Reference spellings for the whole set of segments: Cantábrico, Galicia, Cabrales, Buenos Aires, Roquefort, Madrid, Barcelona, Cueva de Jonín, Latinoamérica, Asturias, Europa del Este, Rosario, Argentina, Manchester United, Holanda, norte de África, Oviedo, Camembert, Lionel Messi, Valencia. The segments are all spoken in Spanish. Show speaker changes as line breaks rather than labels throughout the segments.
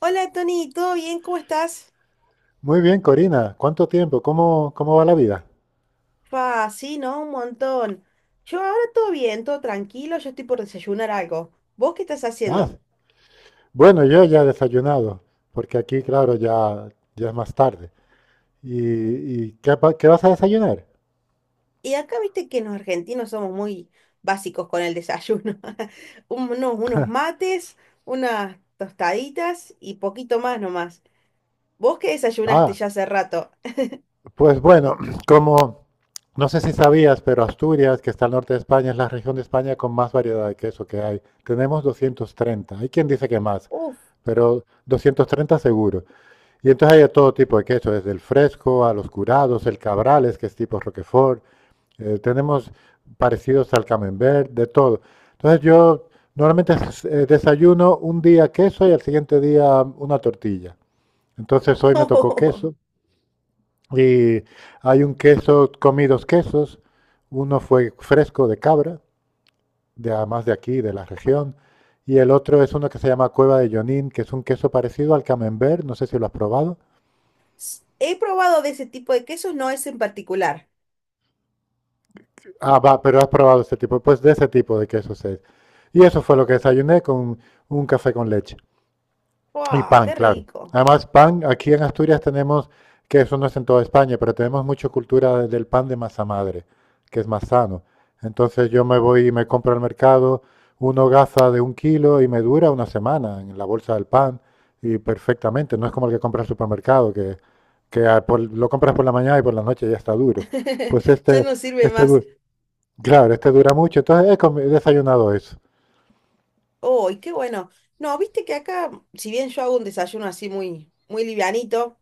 Hola Tony, ¿todo bien? ¿Cómo estás?
Muy bien, Corina. ¿Cuánto tiempo? ¿¿Cómo va la vida?
Fa, sí, ¿no? Un montón. Yo ahora todo bien, todo tranquilo, yo estoy por desayunar algo. ¿Vos qué estás
Ah,
haciendo?
bueno, yo ya he desayunado, porque aquí, claro, ya es más tarde. ¿ Qué vas a desayunar?
Y acá viste que los argentinos somos muy básicos con el desayuno. Unos mates, unas tostaditas y poquito más nomás. ¿Vos qué desayunaste
Ah,
ya hace rato?
pues bueno, como no sé si sabías, pero Asturias, que está al norte de España, es la región de España con más variedad de queso que hay. Tenemos 230. Hay quien dice que más,
Uf.
pero 230 seguro. Y entonces hay de todo tipo de queso, desde el fresco a los curados, el cabrales, que es tipo Roquefort. Tenemos parecidos al camembert, de todo. Entonces yo normalmente desayuno un día queso y al siguiente día una tortilla. Entonces hoy me tocó queso y hay un queso, comí dos quesos. Uno fue fresco de cabra, de, además de aquí, de la región. Y el otro es uno que se llama Cueva de Jonín, que es un queso parecido al camembert, no sé si lo has probado.
He probado de ese tipo de quesos, no es en particular.
Ah, va, pero has probado este tipo, pues de ese tipo de quesos es. Y eso fue lo que desayuné con un café con leche. Y
¡Fua!
pan,
¡Qué
claro.
rico!
Además, pan, aquí en Asturias tenemos, que eso no es en toda España, pero tenemos mucha cultura del pan de masa madre, que es más sano. Entonces yo me voy y me compro al mercado una hogaza de 1 kilo y me dura una semana en la bolsa del pan y perfectamente. No es como el que compra al supermercado, que lo compras por la mañana y por la noche ya está duro. Pues
Ya
este,
no sirve
este,
más.
du- claro, este dura mucho. Entonces he desayunado eso.
Oh, y qué bueno. No, viste que acá, si bien yo hago un desayuno así muy, muy livianito,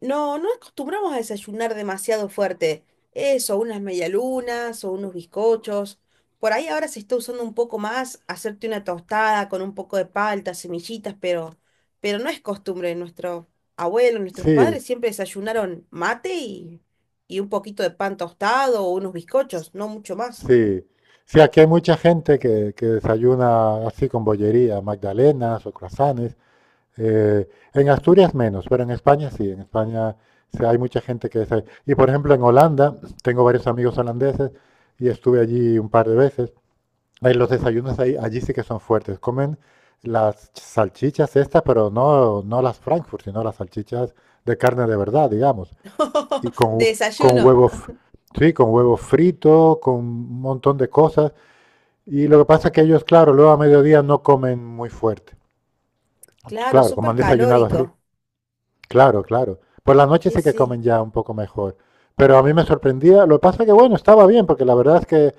no acostumbramos a desayunar demasiado fuerte. Eso, unas medialunas o unos bizcochos. Por ahí ahora se está usando un poco más hacerte una tostada con un poco de palta, semillitas, pero no es costumbre. Nuestro abuelo, nuestros
Sí,
padres siempre desayunaron mate y un poquito de pan tostado o unos bizcochos, no mucho más.
sí, sí, aquí hay mucha gente que desayuna así con bollería, magdalenas o croissants. eh, en Asturias menos, pero en España sí hay mucha gente que desayuna. Y por ejemplo en Holanda, tengo varios amigos holandeses y estuve allí un par de veces. Ahí los desayunos ahí, Allí sí que son fuertes. Comen las salchichas estas, pero no, no las Frankfurt, sino las salchichas de carne de verdad, digamos. Y
De
con
desayuno.
huevos, sí, con huevo frito, con un montón de cosas. Y lo que pasa es que ellos, claro, luego a mediodía no comen muy fuerte.
Claro,
Claro, como
súper
han desayunado así.
calórico.
Claro, claro. Por la noche
Sí,
sí que
sí.
comen ya un poco mejor. Pero a mí me sorprendía. Lo que pasa es que, bueno, estaba bien, porque la verdad es que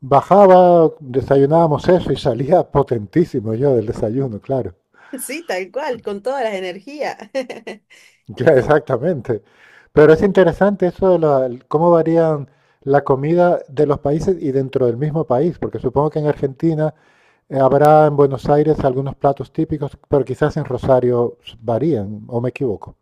bajaba, desayunábamos eso y salía potentísimo yo del desayuno, claro.
Sí, tal cual, con todas las energías.
Ya, exactamente. Pero es interesante eso de cómo varían la comida de los países y dentro del mismo país, porque supongo que en Argentina habrá en Buenos Aires algunos platos típicos, pero quizás en Rosario varían, o me equivoco.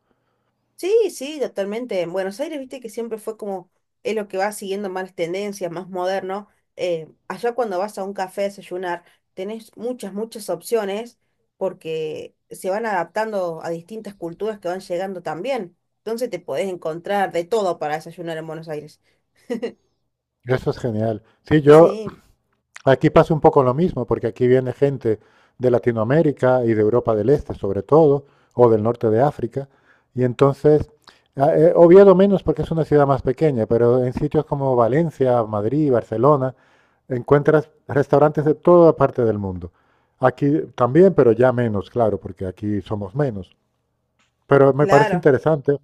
Sí, sí, totalmente. En Buenos Aires, viste que siempre fue como, es lo que va siguiendo más tendencias, más moderno. Allá cuando vas a un café a desayunar, tenés muchas opciones porque se van adaptando a distintas culturas que van llegando también. Entonces te podés encontrar de todo para desayunar en Buenos Aires.
Eso es genial. Sí, yo
Sí,
aquí pasa un poco lo mismo, porque aquí viene gente de Latinoamérica y de Europa del Este, sobre todo, o del norte de África, y entonces, Oviedo menos porque es una ciudad más pequeña, pero en sitios como Valencia, Madrid, Barcelona, encuentras restaurantes de toda parte del mundo. Aquí también, pero ya menos, claro, porque aquí somos menos. Pero me parece
claro.
interesante.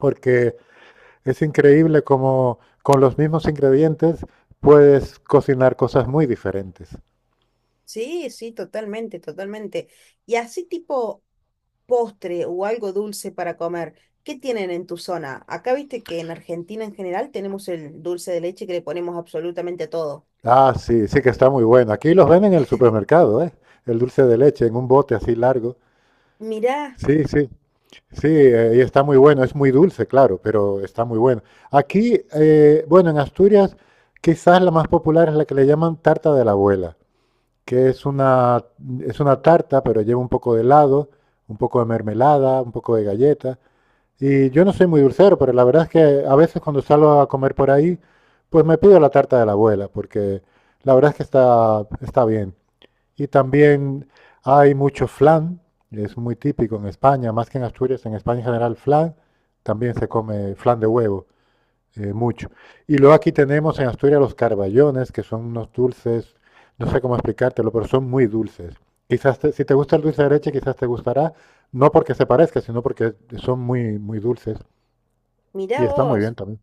Porque es increíble cómo con los mismos ingredientes puedes cocinar cosas muy diferentes.
Sí, sí, totalmente, totalmente. Y así tipo postre o algo dulce para comer. ¿Qué tienen en tu zona? Acá viste que en Argentina en general tenemos el dulce de leche que le ponemos absolutamente a todo.
Ah, sí, sí que está muy bueno. Aquí los venden en el supermercado, ¿eh? El dulce de leche en un bote así largo.
Mirá,
Sí, sí, sí, y está muy bueno. Es muy dulce, claro, pero está muy bueno. Bueno, en Asturias quizás la más popular es la que le llaman tarta de la abuela, que es una, es una tarta, pero lleva un poco de helado, un poco de mermelada, un poco de galleta. Y yo no soy muy dulcero, pero la verdad es que a veces cuando salgo a comer por ahí, pues me pido la tarta de la abuela, porque la verdad es que está bien. Y también hay mucho flan, es muy típico en España, más que en Asturias, en España en general flan, también se come flan de huevo, mucho. Y luego aquí tenemos en Asturias los carballones, que son unos dulces, no sé cómo explicártelo, pero son muy dulces. Si te gusta el dulce de leche, quizás te gustará, no porque se parezca, sino porque son muy dulces.
mirá
Y está muy
vos,
bien también.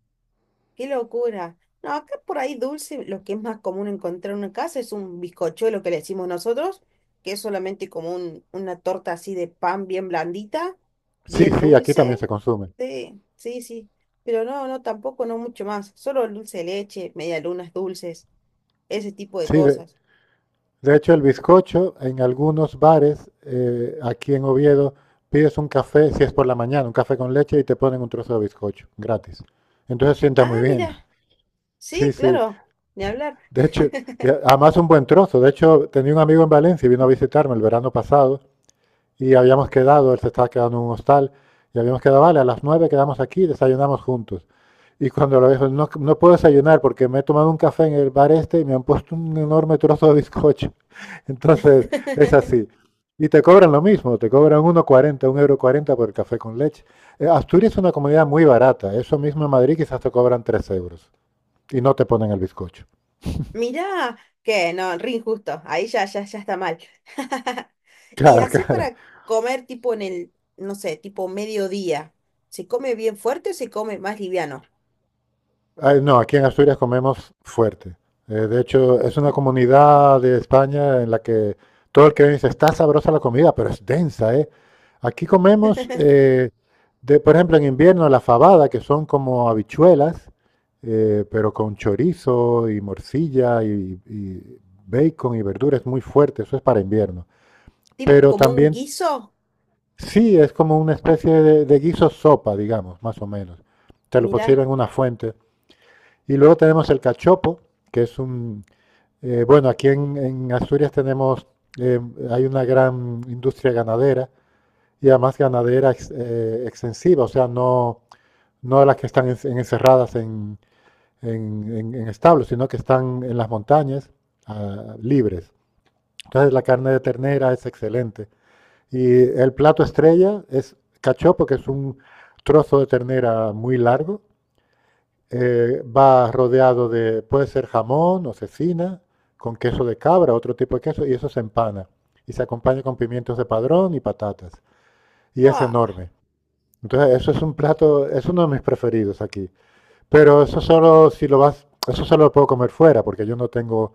qué locura. No, acá por ahí dulce, lo que es más común encontrar en una casa es un bizcochuelo que le decimos nosotros, que es solamente como una torta así de pan bien blandita,
Sí,
bien
sí, aquí también
dulce.
se consume.
Sí, sí, sí. Pero no, no, tampoco, no mucho más. Solo el dulce de leche, medialunas dulces, ese tipo de
Sí,
cosas.
de hecho el bizcocho en algunos bares aquí en Oviedo pides un café, si es por la mañana, un café con leche y te ponen un trozo de bizcocho gratis. Entonces sienta
Ah,
muy bien.
mira,
Sí,
sí,
sí.
claro, ni hablar.
De hecho, y además un buen trozo. De hecho, tenía un amigo en Valencia y vino a visitarme el verano pasado y habíamos quedado, él se estaba quedando en un hostal y habíamos quedado, vale, a las 9 quedamos aquí y desayunamos juntos. Y cuando lo dijo, no, no puedo desayunar porque me he tomado un café en el bar este y me han puesto un enorme trozo de bizcocho. Entonces, es así. Y te cobran lo mismo, te cobran uno cuarenta 1,40 € por el café con leche. Asturias es una comunidad muy barata, eso mismo en Madrid quizás te cobran 3 € y no te ponen el bizcocho.
Mira, que no, re injusto, ahí ya, ya, ya está mal. Y
Claro,
así
claro.
para comer tipo en el, no sé, tipo mediodía, ¿se come bien fuerte o se come más liviano?
Ay, no, aquí en Asturias comemos fuerte. De hecho, es una comunidad de España en la que todo el que viene dice, está sabrosa la comida, pero es densa, ¿eh? Aquí comemos, por ejemplo, en invierno la fabada, que son como habichuelas, pero con chorizo y morcilla y bacon y verduras muy fuerte, eso es para invierno.
Tipo
Pero
como un
también,
guiso,
sí, es como una especie de guiso sopa, digamos, más o menos. Te lo
mira.
pusieron en una fuente. Y luego tenemos el cachopo, que es un... bueno, en Asturias tenemos, eh, hay una gran industria ganadera y además ganadera extensiva, o sea, no, no las que están encerradas en establos, sino que están en las montañas libres. Entonces la carne de ternera es excelente. Y el plato estrella es cachopo, que es un trozo de ternera muy largo, va rodeado de, puede ser jamón o cecina, con queso de cabra, otro tipo de queso, y eso se empana. Y se acompaña con pimientos de padrón y patatas. Y es enorme. Entonces, eso es un plato, es uno de mis preferidos aquí. Pero eso solo si lo vas, eso solo lo puedo comer fuera, porque yo no tengo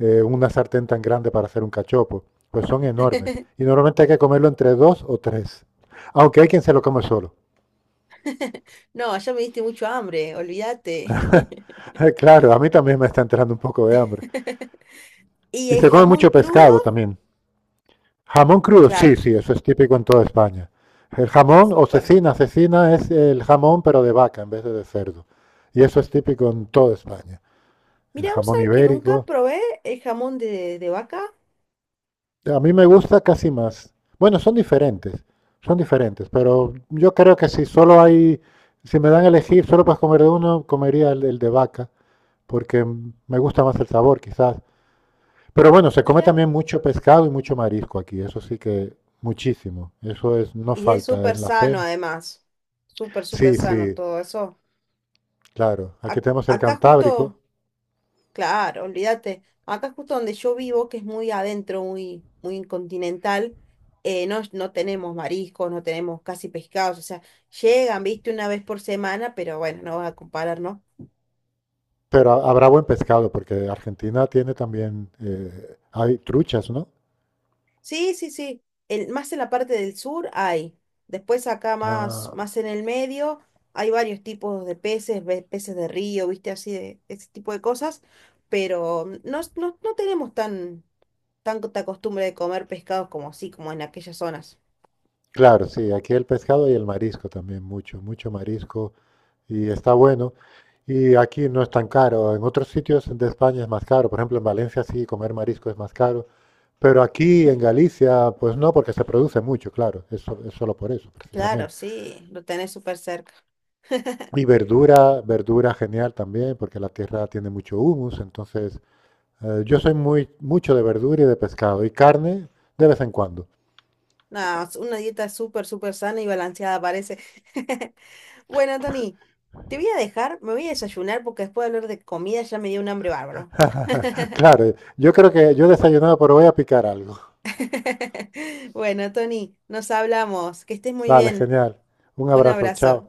una sartén tan grande para hacer un cachopo. Pues son enormes. Y normalmente hay que comerlo entre dos o tres. Aunque hay quien se lo come solo.
No, ya me diste mucho hambre, olvídate.
Claro, a mí también me está entrando un poco de hambre.
¿Y
Y
el
se come
jamón
mucho
crudo?
pescado también. Jamón crudo, sí,
Claro,
sí, eso es típico en toda España. El jamón o
súper.
cecina, cecina es el jamón pero de vaca en vez de cerdo. Y eso es típico en toda España. El
Mira, vos
jamón
sabés que nunca
ibérico.
probé el jamón de vaca,
A mí me gusta casi más. Bueno, son diferentes, pero yo creo que si solo hay, si me dan a elegir, solo para comer de uno, comería el de vaca, porque me gusta más el sabor quizás. Pero bueno, se come
mira.
también mucho pescado y mucho marisco aquí, eso sí que muchísimo. Eso es, no
Y es
falta
súper
en la
sano
cena.
además, súper, súper
Sí,
sano
sí,
todo eso.
claro. Aquí tenemos el
Acá
Cantábrico,
justo, claro, olvídate, acá justo donde yo vivo, que es muy adentro, muy, muy continental, no tenemos mariscos, no tenemos casi pescados, o sea, llegan, viste, una vez por semana, pero bueno, no vas a comparar, ¿no?
pero habrá buen pescado, porque Argentina tiene también, hay truchas, ¿no?
Sí, sí, sí. El, más en la parte del sur hay. Después acá más,
Ah,
más en el medio hay varios tipos de peces, peces de río, viste, así de ese tipo de cosas. Pero no tenemos tan, tanta costumbre de comer pescados como así, como en aquellas zonas.
claro, sí, aquí el pescado y el marisco también, mucho, mucho marisco, y está bueno. Y aquí no es tan caro, en otros sitios de España es más caro, por ejemplo en Valencia sí, comer marisco es más caro, pero aquí en Galicia, pues no, porque se produce mucho, claro, es, es solo por eso,
Claro,
precisamente.
sí, lo tenés súper cerca.
Y verdura, verdura genial también, porque la tierra tiene mucho humus, entonces yo soy mucho de verdura y de pescado y carne de vez en cuando.
No, es una dieta súper, súper sana y balanceada parece. Bueno, Tony, te voy a dejar, me voy a desayunar porque después de hablar de comida ya me dio un hambre bárbaro.
Claro, yo creo que yo he desayunado, pero voy a picar algo.
Bueno, Tony, nos hablamos. Que estés muy
Vale,
bien.
genial. Un
Un
abrazo, chao.
abrazo.